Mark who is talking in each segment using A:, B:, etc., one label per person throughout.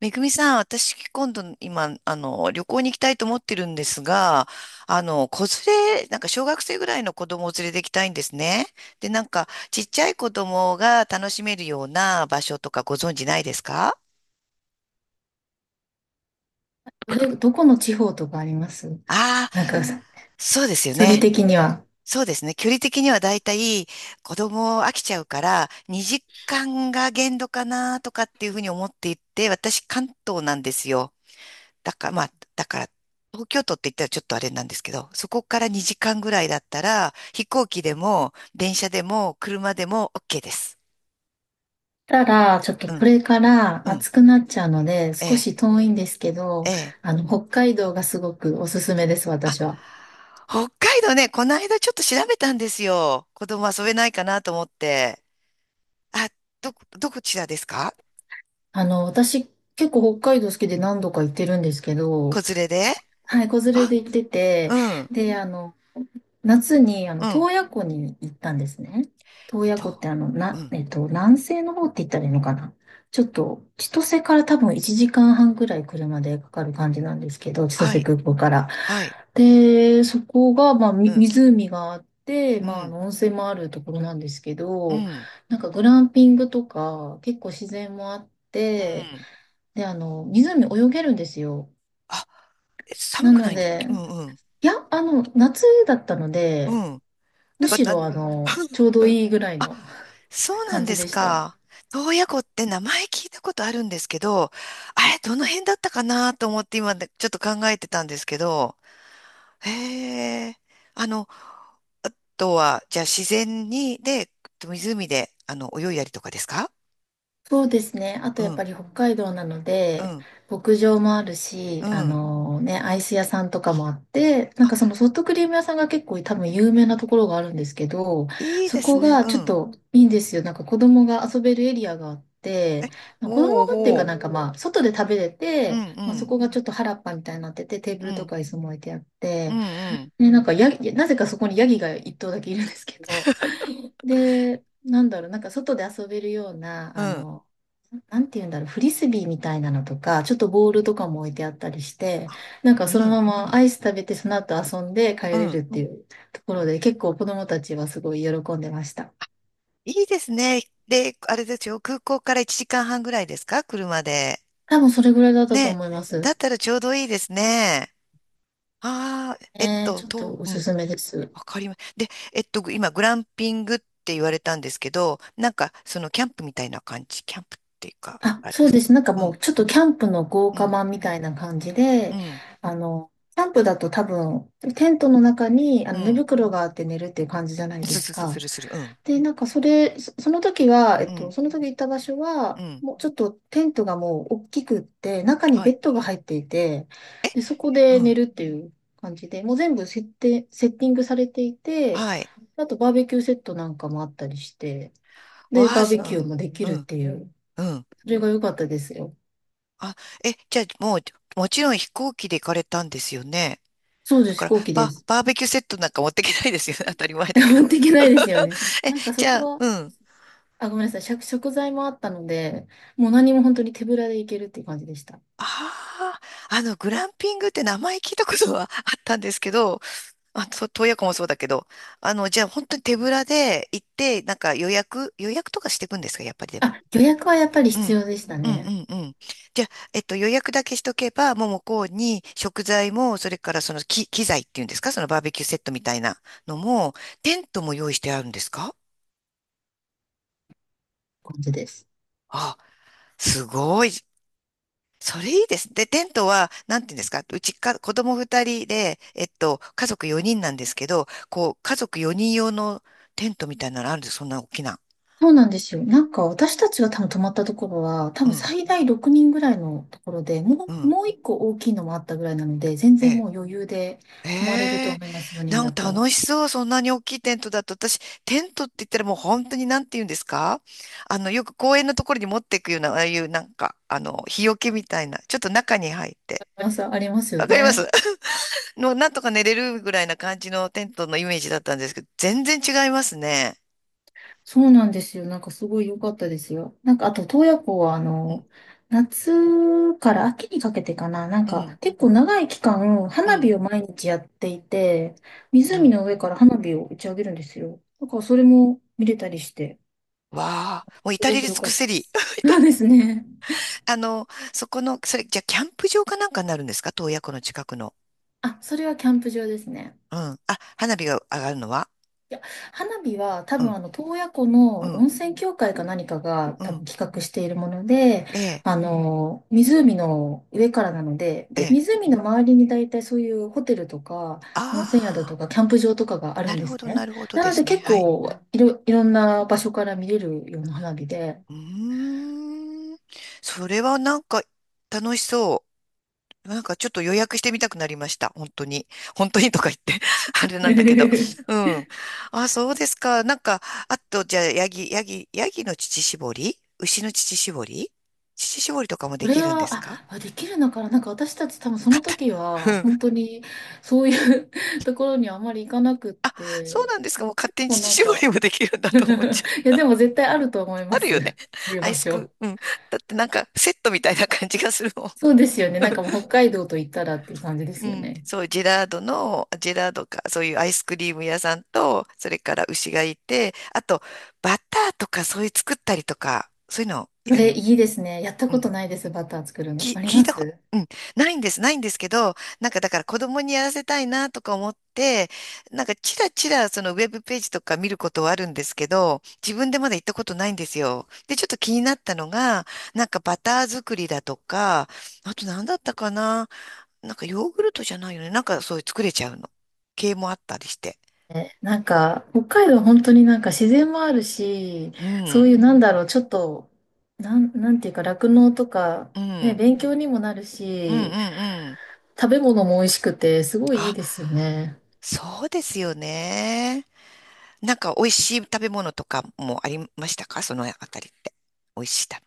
A: めぐみさん、私、今、旅行に行きたいと思ってるんですが、子連れ、なんか小学生ぐらいの子供を連れて行きたいんですね。で、なんか、ちっちゃい子供が楽しめるような場所とかご存知ないですか？
B: それ、どこの地方とかあります？
A: ああ
B: なんかさ、
A: ー、そうですよ
B: 距離
A: ね。
B: 的には。
A: そうですね。距離的にはだいたい子供飽きちゃうから、2時間が限度かなとかっていうふうに思っていて、私、関東なんですよ。だから、まあ、だから、東京都って言ったらちょっとあれなんですけど、そこから2時間ぐらいだったら、飛行機でも、電車でも、車でも OK です。
B: ただ、ちょっと
A: う
B: こ
A: ん、
B: れから
A: うん、
B: 暑くなっちゃうので、
A: え
B: 少
A: え、
B: し遠いんですけ
A: え
B: ど、
A: え。
B: 北海道がすごくおすすめです、私は。
A: 北海道ね、この間ちょっと調べたんですよ。子供遊べないかなと思って。あ、どちらですか？
B: 私、結構北海道好きで何度か行ってるんですけ
A: 子
B: ど、
A: 連れで。
B: はい、子連れ
A: あ、
B: で行ってて、
A: うん、
B: で、あの、夏に、
A: うん、
B: 洞爺湖に行ったんですね。洞爺湖っ
A: と、
B: て、あの、
A: う
B: な、
A: ん、
B: えっと、南西の方って言ったらいいのかな。ちょっと、千歳から多分1時間半ぐらい車でかかる感じなんですけど、千
A: は
B: 歳
A: い、
B: 空港から。
A: はい、
B: で、そこが、まあ、
A: う
B: み
A: ん、
B: 湖があって、
A: う
B: まあ、あ
A: ん、
B: の温泉もあるところなんですけ
A: う
B: ど、
A: ん、
B: なんかグランピングとか、結構自然もあっ
A: う
B: て、
A: ん。
B: で、あの、湖泳げるんですよ。
A: あ、え、寒
B: な
A: く
B: の
A: ないんだ。
B: で、
A: うん、うん、
B: いや、夏だったの
A: う
B: で、
A: ん。な
B: む
A: んか、
B: し
A: な
B: ろ ちょうど
A: うん。
B: いいぐらい
A: あ、
B: の
A: そ うなん
B: 感
A: で
B: じ
A: す
B: でした。
A: か。洞爺湖って名前聞いたことあるんですけど、あれ、どの辺だったかなと思って今ねちょっと考えてたんですけど、へえ、あの、あとは、じゃあ自然に、で、湖で、泳いだりとかですか？
B: そうですね。あと
A: う
B: やっ
A: ん、
B: ぱり北海道なの
A: う
B: で、
A: ん、
B: 牧場もあるし、
A: う
B: あ
A: ん。
B: のね、アイス屋さんとかもあって、なんかそ
A: あ、
B: のソフトクリーム屋さんが結構多分有名なところがあるんですけど、
A: いい
B: そ
A: です
B: こ
A: ね。
B: が
A: う
B: ちょっ
A: ん。
B: といいんですよ。なんか子供が遊べるエリアがあって、まあ子
A: おお、
B: 供がっていうか
A: ほ
B: なんかまあ、外で食べれ
A: う。う
B: て、
A: ん、う
B: まあ、そ
A: ん、
B: こがちょっと原っぱみたいになってて、テー
A: う
B: ブルと
A: ん、
B: か椅子も置いてあっ
A: う
B: て、
A: ん、
B: ね、なんかヤギ、なぜかそこにヤギが一頭だけいるんですけど、で、なんだろう、なんか外で遊べるような、
A: う
B: あ
A: ん、うん。
B: の、なんて言うんだろう、フリスビーみたいなのとか、ちょっとボールとかも置いてあったりして、
A: あ、
B: なんか
A: う
B: そのま
A: ん、
B: まアイス食べて、その後遊んで帰
A: う
B: れる
A: ん。
B: っていうところで、結構子供たちはすごい喜んでました。
A: いいですね。で、あれですよ、空港から1時間半ぐらいですか、車で。
B: 多分それぐらいだったと
A: ね。
B: 思いま
A: だ
B: す。
A: ったらちょうどいいですね。ああ、えっ
B: ねえー、
A: と、
B: ちょっと
A: と、
B: お
A: う
B: す
A: ん、
B: すめです。
A: わかります。で、えっと、今、グランピングって言われたんですけど、なんか、その、キャンプみたいな感じ。キャンプっていうか、
B: あ、
A: あれ
B: そ
A: で
B: う
A: す
B: で
A: か。
B: す。なんか
A: う
B: も
A: ん、
B: うちょっとキャンプの豪
A: う
B: 華
A: ん、
B: 版みたいな感じ
A: う
B: で、
A: ん、
B: キャンプだと多分、テントの中にあ
A: う
B: の寝
A: ん。
B: 袋があって寝るっていう感じじゃないで
A: す
B: す
A: すすす
B: か。
A: るする。うん、
B: で、なんかそれ、その時は、
A: うん、
B: その時行った場所
A: う
B: は、
A: ん。
B: もうちょっとテントがもう大きくって、中に
A: は
B: ベ
A: い、
B: ッドが入っていて、で、そこ
A: う
B: で寝
A: ん、
B: るっていう感じで、もう全部設定、セッティングされていて、
A: はい。
B: あとバーベキューセットなんかもあったりして、で、
A: わあ、
B: バーベ
A: そ
B: キ
A: う、
B: ューもでき
A: う
B: るっ
A: ん、
B: ていう、
A: うん。
B: それが良かったですよ。
A: あ、え、じゃあ、もう、もちろん飛行機で行かれたんですよね。
B: そう
A: だ
B: です、
A: か
B: 飛
A: ら、
B: 行機です。
A: バーベキューセットなんか持っていけないですよね。当たり前 だけ
B: 持っ
A: ど。
B: ていけないですよね。
A: え、
B: なんかそ
A: じ
B: こ
A: ゃあ、
B: は、
A: うん。
B: あ、ごめんなさい、食、食材もあったので、もう何も本当に手ぶらで行けるっていう感じでした。
A: ああ、グランピングって名前聞いたことは あったんですけど、あ、と洞爺湖もそうだけど、じゃあ本当に手ぶらで行って、なんか予約とかしていくんですか、やっぱりでも。
B: あ、予約はやっぱり
A: う
B: 必
A: ん。
B: 要でした
A: うん
B: ね。
A: うんうん。じゃあ、えっと、予約だけしとけば、もう向こうに食材も、それからその機材っていうんですか、そのバーベキューセットみたいなのも、テントも用意してあるんですか？
B: 感じです。
A: あ、すごい。それいいです。で、テントは、なんていうんですか、うちか、子供二人で、えっと、家族四人なんですけど、こう、家族四人用のテントみたいなのあるんですよ、そんな大きな。
B: そうなんですよ。なんか私たちが多分泊まったところは、多
A: う
B: 分
A: ん、
B: 最大6人ぐらいのところで、
A: うん、
B: もう一個大きいのもあったぐらいなので、全
A: え
B: 然
A: え。
B: もう余裕で
A: え
B: 泊まれると
A: え、
B: 思います、4人
A: な
B: だ
A: ん
B: った
A: か
B: ら。
A: 楽しそう。そんなに大きいテントだと、私、テントって言ったらもう本当になんて言うんですか、よく公園のところに持っていくような、ああいうなんか、日よけみたいな、ちょっと中に入って。
B: 皆さんありますよ
A: わかりま
B: ね。
A: す。 の、なんとか寝れるぐらいな感じのテントのイメージだったんですけど、全然違いますね。
B: そうなんですよ。なんかすごい良かったですよ。なんかあと、洞爺湖は
A: うん、
B: 夏から秋にかけてかな。なん
A: う
B: か
A: ん、
B: 結構長い期間、
A: う
B: 花
A: ん、
B: 火を毎日やっていて、
A: う
B: 湖
A: ん。
B: の上から花火を打ち上げるんですよ。だからそれも見れたりして、
A: わあ、もう
B: す
A: 至
B: ご
A: れ
B: く
A: り
B: 良
A: 尽
B: か
A: く
B: った
A: せ
B: で
A: り。
B: す。そうですね。
A: あの、そこの、それ、じゃあ、キャンプ場かなんかになるんですか、洞爺湖の近くの。
B: あ、それはキャンプ場ですね。
A: うん。あ、花火が上がるのは？
B: いや、花火は多
A: う
B: 分
A: ん、
B: 洞爺湖
A: う
B: の
A: ん、
B: 温泉協会か何かが
A: う
B: 多
A: ん。
B: 分企画しているもので、
A: ええ、
B: 湖の上からなので、
A: え
B: で、
A: え。
B: 湖の周りに大体そういうホテルとか、温泉宿
A: ああ、
B: とか、キャンプ場とかがある
A: な
B: んで
A: るほ
B: す
A: ど、
B: ね。
A: なるほど
B: な
A: で
B: ので
A: すね。
B: 結
A: はい。
B: 構いろんな場所から見れるような花火で、
A: うーん。それはなんか楽しそう。なんかちょっと予約してみたくなりました。本当に。本当にとか言って あれな んだけど。う
B: そ
A: ん。あ、そうですか。なんか、あと、じゃあ、ヤギの乳搾り、牛の乳搾り、乳搾りとかもでき
B: れ
A: るんで
B: は、
A: すか？
B: あ、できるのかな、なんか私たち多分その時
A: う
B: は、
A: ん。
B: 本当にそういう ところにはあまり行かなくっ
A: そう
B: て、
A: なんですか。もう勝手に
B: もうなん
A: 乳搾り
B: か、
A: もできるんだ と思っちゃう。
B: いや、でも絶対あると思い
A: あ
B: ま
A: るよ
B: す。そ
A: ね。
B: ういう
A: アイ
B: 場
A: スク、
B: 所。
A: うん。だってなんかセットみたいな感じがするもん。
B: そうですよね。なんかもう北海道と言ったらっていう感じで
A: う
B: すよ
A: ん、
B: ね。
A: そう、ジェラードか、そういうアイスクリーム屋さんと、それから牛がいて、あと、バターとかそういう作ったりとか、そういうのを
B: そ
A: やり、
B: れいい
A: う
B: ですね。やったこ
A: ん、
B: とないです、バター作るの。
A: き、
B: あり
A: 聞い
B: ま
A: たこと、
B: す？
A: うん、ないんですけど、なんかだから子供にやらせたいなとか思って、なんかチラチラそのウェブページとか見ることはあるんですけど、自分でまだ行ったことないんですよ。で、ちょっと気になったのが、なんかバター作りだとか、あと何だったかな、なんかヨーグルトじゃないよね。なんかそういう作れちゃうの。系もあったりして。
B: え、なんか、北海道本当になんか自然もあるし、
A: う
B: そう
A: ん、
B: いうなんだろう、ちょっと、なんていうか、酪農とか、
A: うん、う
B: ね、
A: ん、
B: 勉強にもなる
A: うん、
B: し、
A: うん。
B: 食べ物も美味しくて、すごいいい
A: あ、
B: ですよね。
A: そうですよね。なんか美味しい食べ物とかもありましたか、そのあたりって。美味しい食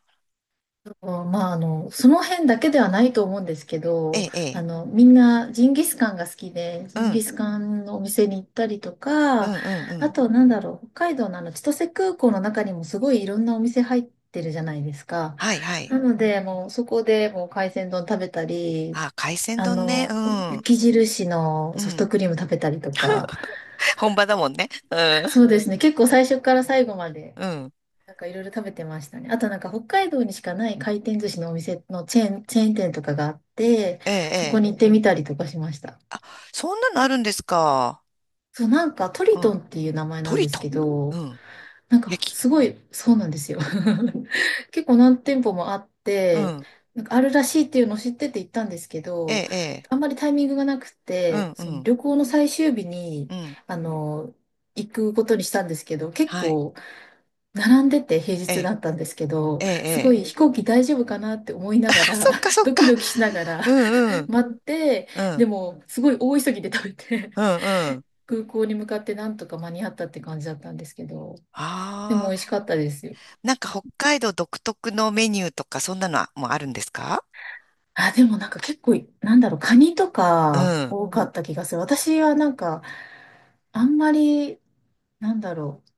B: うんまあ、その辺だけではないと思うんですけ
A: べ。え
B: ど、
A: え、ええ。
B: みんなジンギスカンが好きで、
A: う
B: ジン
A: ん、
B: ギスカンのお店に行ったりと
A: う
B: か、
A: ん、うん、う
B: あ
A: ん。
B: と、なんだろう、北海道の千歳空港の中にもすごいいろんなお店入ってるじゃないですか。
A: はい、はい。
B: なので、もうそこでもう海鮮丼食べたり、
A: あ、海鮮
B: あ
A: 丼ね。う
B: の、
A: ん、
B: 雪印の
A: う
B: ソフト
A: ん。
B: クリーム食べたりとか、
A: 本場だもんね。うん、
B: そうですね、結構最初から最後まで
A: うん。
B: なんかいろいろ食べてましたね。あとなんか北海道にしかない回転寿司のお店のチェーン店とかがあって、
A: ええ、
B: そこ
A: ええ。
B: に行ってみたりとかしました。
A: そんなのあるんですか。
B: そう、なんかト
A: う
B: リト
A: ん。
B: ンっていう名前
A: ト
B: なん
A: リ
B: です
A: ト
B: け
A: ン。う
B: ど、
A: ん。
B: なんか
A: 焼き。
B: すごい、そうなんですよ。結構何店舗もあっ
A: う
B: て、
A: ん。
B: なんかあるらしいっていうのを知ってて行ったんですけ
A: え
B: ど、
A: え、ええ。
B: あんまりタイミングがなく
A: う
B: て、
A: ん、う
B: その
A: ん。
B: 旅行の最終日に、
A: うん、
B: あの、行くことにしたんですけど、結
A: はい。
B: 構並んでて平
A: え
B: 日
A: え、
B: だったんですけど、
A: ええ、え
B: すご
A: え。
B: い飛行機大丈夫かなって思いなが ら、
A: そっかそ っ
B: ド
A: か。
B: キドキしながら
A: うんうん、
B: 待って、
A: う
B: で
A: ん、
B: もすごい大急ぎで食べて、
A: うん、う ん。
B: 空港に向かってなんとか間に合ったって感じだったんですけど、でも
A: あ
B: 美味し
A: あ、
B: かったですよ。
A: なんか北海道独特のメニューとか、そんなのはもうあるんですか？
B: あ、でもなんか結構、なんだろう、カニと
A: う
B: か
A: ん、
B: 多かった気がする。私はなんか、あんまり、なんだろう、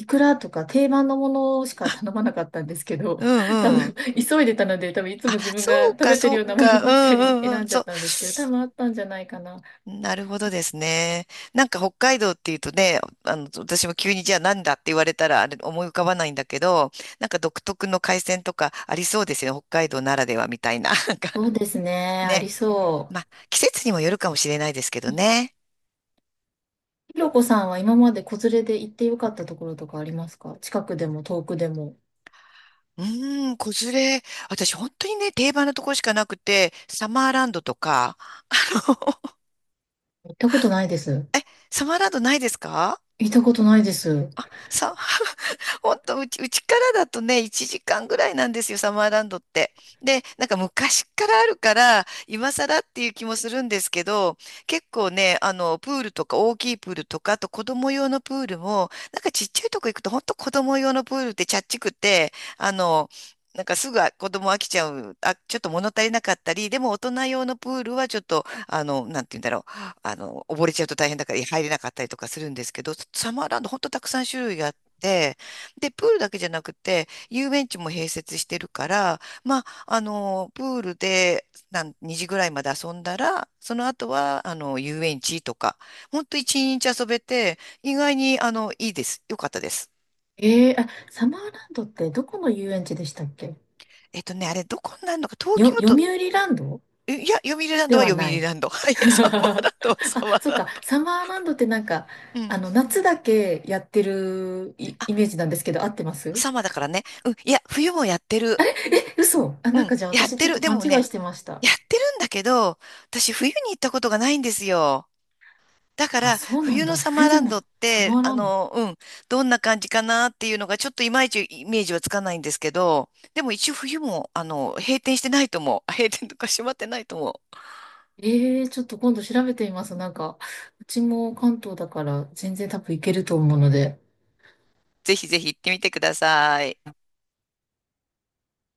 B: いくらとか定番のものしか頼まなかったんですけ
A: う
B: ど、
A: ん、
B: 多
A: う
B: 分
A: ん。
B: 急いでたので、多分いつも
A: あ、
B: 自分
A: そ
B: が
A: う
B: 食
A: か
B: べてる
A: そ
B: よ
A: う
B: うなもの
A: か。う
B: ばっか
A: ん、
B: り
A: うん、う
B: 選
A: ん。
B: んじゃ
A: そ
B: っ
A: う。
B: たんですけど、多分あったんじゃないかな。
A: なるほどですね。なんか北海道っていうとね、私も急にじゃあなんだって言われたらあれ思い浮かばないんだけど、なんか独特の海鮮とかありそうですよね。北海道ならではみたいな。なんか
B: そうですね、あ
A: ね。
B: りそ
A: まあ、季節にもよるかもしれないですけ
B: う。
A: ど
B: うん
A: ね。
B: ひろこさんは今まで子連れで行ってよかったところとかありますか？近くでも遠くでも。
A: うーん、子連れ。私、本当にね、定番のところしかなくて、サマーランドとか。
B: 行ったことないです。
A: え、サマーランドないですか？
B: 行ったことないです。
A: さ、本当うちからだとね、1時間ぐらいなんですよ、サマーランドって。で、なんか昔からあるから、今更っていう気もするんですけど、結構ね、プールとか大きいプールとか、あと子供用のプールも、なんかちっちゃいとこ行くと、本当子供用のプールってちゃっちくて、あの、なんかすぐ子供飽きちゃう、あ、ちょっと物足りなかったり、でも大人用のプールはちょっと、なんて言うんだろう、溺れちゃうと大変だから入れなかったりとかするんですけど、サマーランド本当たくさん種類があって、で、プールだけじゃなくて、遊園地も併設してるから、まあ、プールで、なん、2時ぐらいまで遊んだら、その後は、遊園地とか、ほんと一日遊べて、意外に、いいです。よかったです。
B: えー、あ、サマーランドってどこの遊園地でしたっけ？
A: えっとね、あれ、どこになるのか、東京
B: 読
A: 都、
B: 売ランド
A: えいや、読売ランド
B: で
A: は
B: は
A: 読
B: な
A: 売
B: い。
A: ランド。はい、サマーランドはサ
B: あ、
A: マー
B: そっ
A: ラン
B: か。
A: ド。
B: サマーランドってなんか、
A: うん。
B: 夏だけやってる
A: あ、
B: イメージなんですけど、合ってます？
A: サマーだからね。うん。いや、冬もやってる。
B: え嘘。あ、
A: う
B: なん
A: ん。
B: かじゃあ
A: やっ
B: 私
A: て
B: ちょっ
A: る。
B: と
A: で
B: 勘
A: も
B: 違い
A: ね、
B: してました。
A: やってるんだけど、私、冬に行ったことがないんですよ。だか
B: あ、
A: ら、
B: そうな
A: 冬
B: ん
A: の
B: だ。
A: サマー
B: 冬で
A: ラン
B: も
A: ドっ
B: サ
A: て、
B: マーランド。
A: うん、どんな感じかなっていうのが、ちょっといまいちイメージはつかないんですけど、でも一応冬も、閉店してないと思う。閉店とか閉まってないと思う。
B: ええー、ちょっと今度調べてみます。なんか、うちも関東だから全然多分行けると思うので。
A: ぜひぜひ行ってみてください。